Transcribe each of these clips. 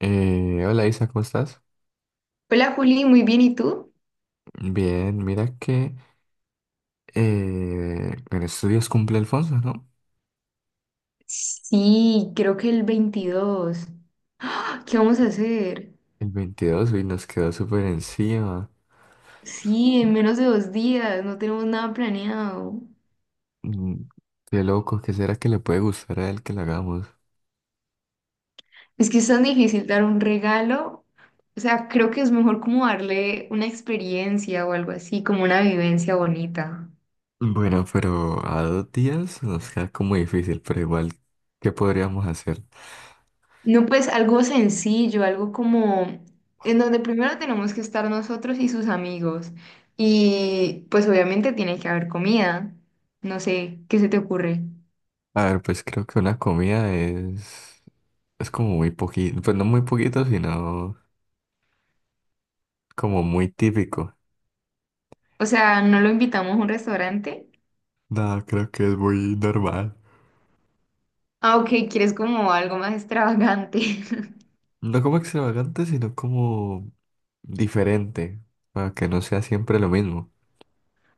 Hola Isa, ¿cómo estás? Hola Juli, muy bien, ¿y tú? Bien, mira que en estos días cumple Alfonso, ¿no? Sí, creo que el 22. ¡Ah! ¿Qué vamos a hacer? El 22 y nos quedó súper encima. Sí, en menos de 2 días, no tenemos nada planeado. Mm. Qué loco, ¿qué será que le puede gustar a él que lo hagamos? Es que es tan difícil dar un regalo. O sea, creo que es mejor como darle una experiencia o algo así, como una vivencia bonita. Bueno, pero a 2 días nos queda como difícil, pero igual, ¿qué podríamos hacer? No, pues algo sencillo, algo como en donde primero tenemos que estar nosotros y sus amigos. Y pues obviamente tiene que haber comida. No sé, ¿qué se te ocurre? A ver, pues creo que una comida es como muy poquito, pues no muy poquito, sino como muy típico. O sea, no lo invitamos a un restaurante. No, creo que es muy normal. Ah, ok, quieres como algo más extravagante. No como extravagante, sino como diferente, para que no sea siempre lo mismo.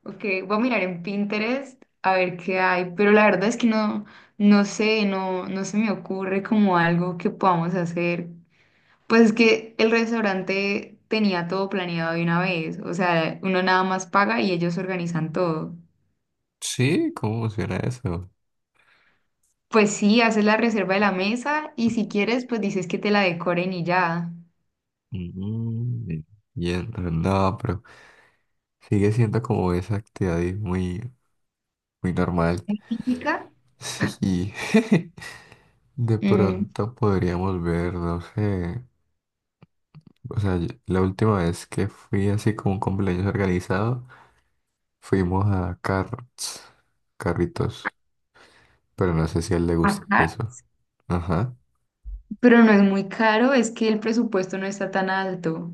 Ok, voy a mirar en Pinterest a ver qué hay, pero la verdad es que no, no sé, no, no se me ocurre como algo que podamos hacer. Pues es que el restaurante tenía todo planeado de una vez, o sea, uno nada más paga y ellos organizan todo. Sí, ¿cómo funciona eso? Pues sí, haces la reserva de la mesa y si quieres, pues dices que te la decoren y ya. Mm, entiendo. No, pero sigue siendo como esa actividad ahí muy, muy normal. ¿Es ¿Típica? Sí, de Mm, pronto podríamos ver, no sé, o sea, la última vez que fui así como un cumpleaños organizado, fuimos a carros, carritos, pero no sé si a él le gusta Acá eso. Ajá. pero no es muy caro, es que el presupuesto no está tan alto.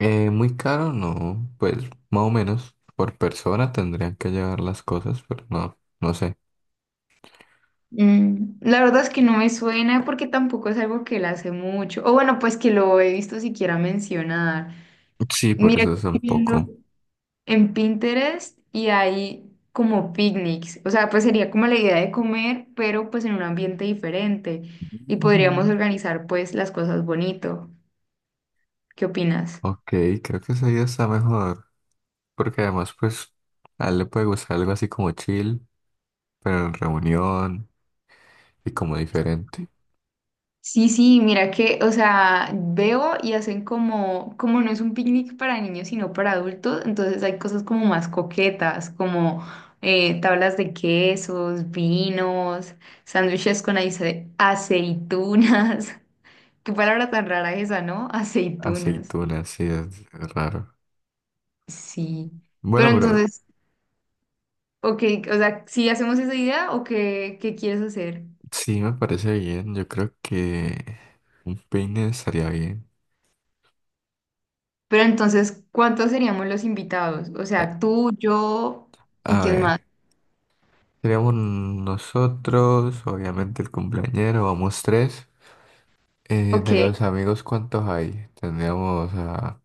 Muy caro, no, pues más o menos por persona tendrían que llevar las cosas, pero no, no sé. La verdad es que no me suena porque tampoco es algo que él hace mucho. O bueno, pues que lo he visto siquiera mencionar. Sí, por Mira, que eso es estoy un viendo poco. en Pinterest y hay como picnics. O sea, pues sería como la idea de comer, pero pues en un ambiente diferente. Y podríamos Ujú. organizar pues las cosas bonito. ¿Qué opinas? Ok, creo que esa idea está mejor, porque además pues a él le puede gustar algo así como chill, pero en reunión y como diferente. Sí, sí, mira que, o sea, veo y hacen como, no es un picnic para niños, sino para adultos, entonces hay cosas como más coquetas, como tablas de quesos, vinos, sándwiches con aceitunas. Qué palabra tan rara esa, ¿no? Aceitunas. Aceituna, sí, es raro. Sí. Pero Bueno, pero entonces, ok, o sea, si hacemos esa idea o ¿qué quieres hacer? sí me parece bien, yo creo que un peine estaría bien. Pero entonces, ¿cuántos seríamos los invitados? O Eh, sea, tú, yo y a quién más. ver. Seríamos nosotros, obviamente el cumpleañero, vamos tres. Ok. De los amigos, ¿cuántos hay? Tendríamos a...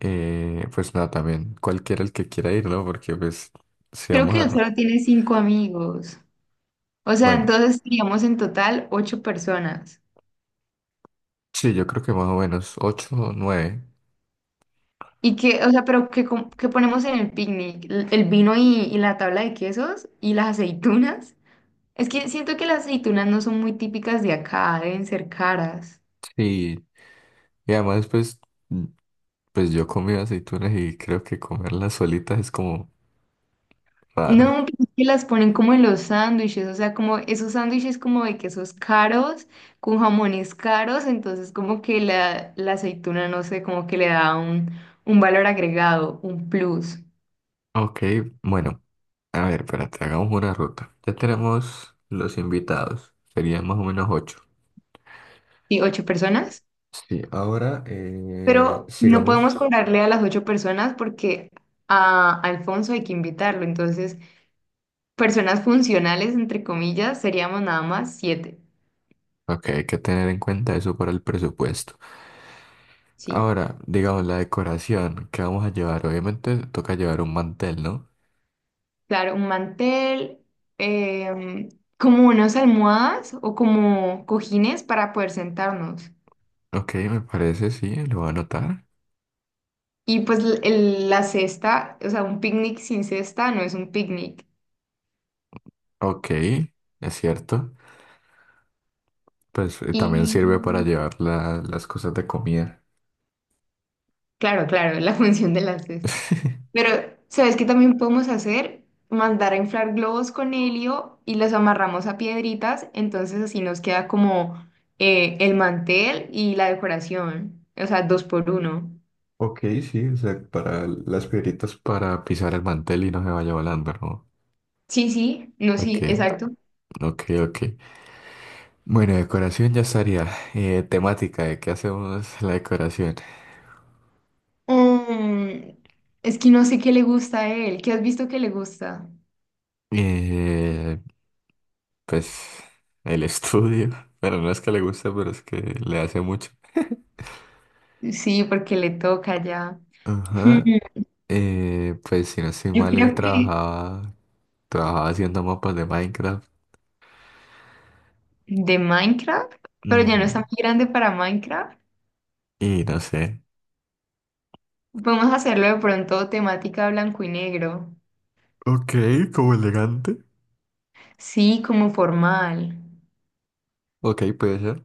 pues nada, también cualquiera el que quiera ir, ¿no? Porque pues si Creo vamos que él a... solo tiene cinco amigos. O sea, Bueno, entonces seríamos en total ocho personas. sí, yo creo que más o menos ocho o nueve. Y que, o sea, pero ¿qué, qué ponemos en el picnic? El vino y la tabla de quesos y las aceitunas. Es que siento que las aceitunas no son muy típicas de acá, deben ser caras. Sí, y además pues, mm, pues yo comí aceitunas y creo que comerlas solitas es como raro. No, pero es que las ponen como en los sándwiches, o sea, como esos sándwiches como de quesos caros, con jamones caros, entonces como que la aceituna, no sé, como que le da un valor agregado, un plus. Ok, bueno, a ver, espérate, hagamos una ruta. Ya tenemos los invitados, serían más o menos ocho. Sí, ocho personas, Sí, ahora pero no podemos sigamos. cobrarle a las ocho personas porque a Alfonso hay que invitarlo. Entonces, personas funcionales, entre comillas, seríamos nada más siete. Ok, hay que tener en cuenta eso para el presupuesto. Sí, Ahora, digamos la decoración que vamos a llevar. Obviamente toca llevar un mantel, ¿no? claro, un mantel, em, como unas almohadas o como cojines para poder sentarnos. Ok, me parece, sí, lo voy a anotar. Y pues la cesta, o sea, un picnic sin cesta no es un picnic. Ok, es cierto. Pues también sirve para Y llevar las cosas de comida. claro, claro, la función de la cesta. Pero, ¿sabes qué también podemos hacer? Mandar a inflar globos con helio y los amarramos a piedritas, entonces así nos queda como el mantel y la decoración, o sea, dos por uno. Ok, sí, o sea, para las piedritas. Para pisar el mantel y no se vaya volando, ¿no? Sí, sí, no, Ok, sí, exacto. ok, ok. Bueno, decoración ya estaría. Temática, ¿de qué hacemos la decoración? Mm, es que no sé qué le gusta a él, ¿qué has visto que le gusta? Eh, pues el estudio. Bueno, no es que le guste, pero es que le hace mucho. Sí, porque le toca ya. Hmm, Ajá. Pues si no estoy Yo mal, él creo que trabajaba haciendo mapas de Minecraft. de Minecraft, pero ya no está Ujú. muy grande para Minecraft. Y no sé. Podemos hacerlo de pronto temática blanco y negro. Ok, como elegante. Sí, como formal. Ok, puede ser.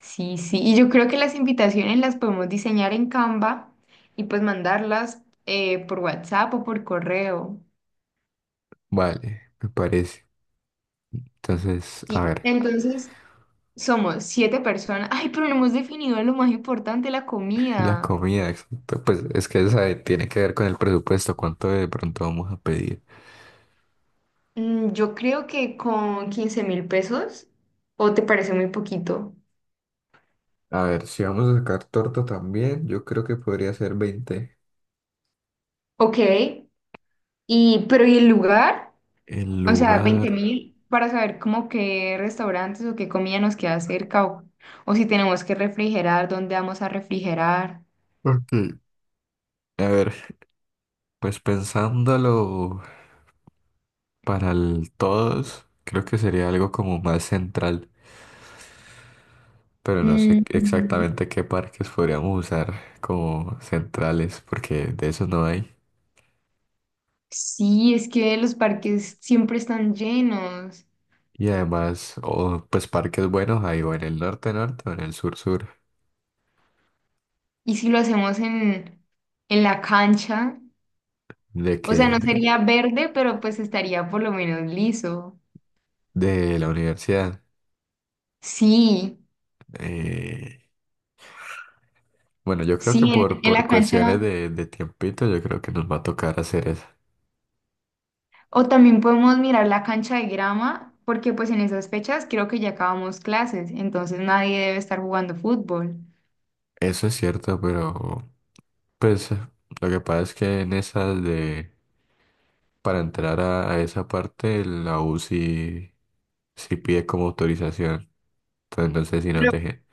Sí, sí. Y yo creo que las invitaciones las podemos diseñar en Canva y pues mandarlas por WhatsApp o por correo. Vale, me parece. Entonces, a Sí. ver. Entonces, somos siete personas. Ay, pero no hemos definido lo más importante, la La comida. comida, exacto. Pues es que tiene que ver con el presupuesto, cuánto de pronto vamos a pedir. Yo creo que con 15.000 pesos, ¿o te parece muy poquito? A ver, si vamos a sacar torta también, yo creo que podría ser 20. Ok. Y, pero ¿y el lugar? El O sea, lugar. 20.000 para saber como qué restaurantes o qué comida nos queda cerca o si tenemos que refrigerar, dónde vamos a refrigerar. Ok. A ver, pues pensándolo para el todos, creo que sería algo como más central, pero no sé Mm, exactamente qué parques podríamos usar como centrales, porque de esos no hay. sí, es que los parques siempre están llenos. Y además, o pues parques buenos hay o en el norte norte o en el sur sur, Y si lo hacemos en la cancha, de o que sea, no sería verde, pero pues estaría por lo menos liso. de la universidad. Sí, Eh, bueno, yo creo que sí, en, por, en por la cuestiones cancha. de tiempito, yo creo que nos va a tocar hacer eso. O también podemos mirar la cancha de grama, porque pues en esas fechas creo que ya acabamos clases, entonces nadie debe estar jugando fútbol. Eso es cierto, pero pues lo que pasa es que en esas para entrar a esa parte, la U sí, sí pide como autorización. Entonces no sé si nos Pero, dejen.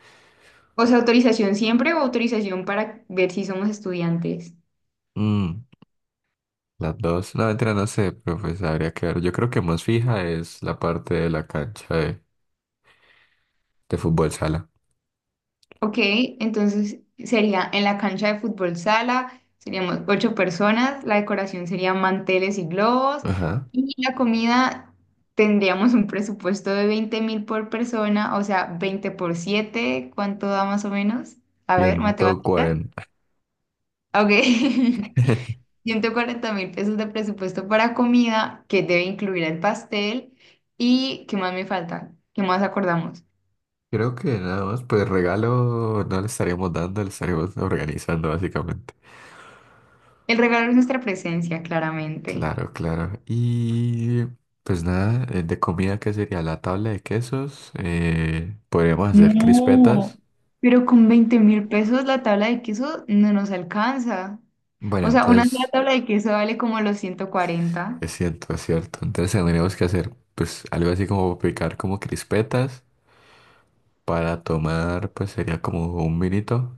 o sea, autorización siempre o autorización para ver si somos estudiantes. Mm, las dos, no, mentira, no sé, pero pues habría que ver. Yo creo que más fija es la parte de la cancha de fútbol sala. Ok, entonces sería en la cancha de fútbol sala, seríamos ocho personas, la decoración sería manteles y globos, Ajá. y la comida tendríamos un presupuesto de 20.000 por persona, o sea, 20 por siete, ¿cuánto da más o menos? A ver, ciento matemáticas. cuarenta Ok. 140.000 pesos de presupuesto para comida, que debe incluir el pastel. ¿Y qué más me falta? ¿Qué más acordamos? Creo que nada más, pues regalo no le estaríamos dando, le estaríamos organizando básicamente. El regalo es nuestra presencia, claramente. Claro, claro. Y pues nada, de comida, ¿qué sería? La tabla de quesos. Podríamos hacer No, crispetas. pero con 20.000 pesos la tabla de queso no nos alcanza. Bueno, O sea, una sola entonces, tabla de queso vale como los 140. es cierto, es cierto. Entonces tendríamos que hacer pues algo así como picar como crispetas. Para tomar, pues sería como un vinito.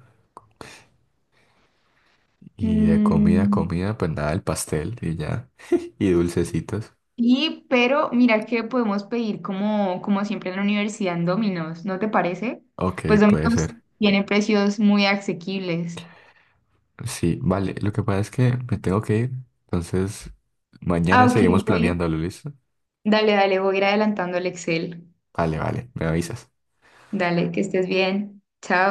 Y de comida, Mm. comida, pues nada, el pastel y ya. Y dulcecitos. Sí, pero mira que podemos pedir como, siempre en la universidad en Domino's, ¿no te parece? Ok, Pues puede Domino's ser. tiene precios muy asequibles. Sí, vale. Lo que pasa es que me tengo que ir. Entonces, Ah, mañana seguimos ok, voy. planeándolo, ¿listo? Dale, dale, voy a ir adelantando el Excel. Vale, vale. Me avisas. Dale, que estés bien. Chao.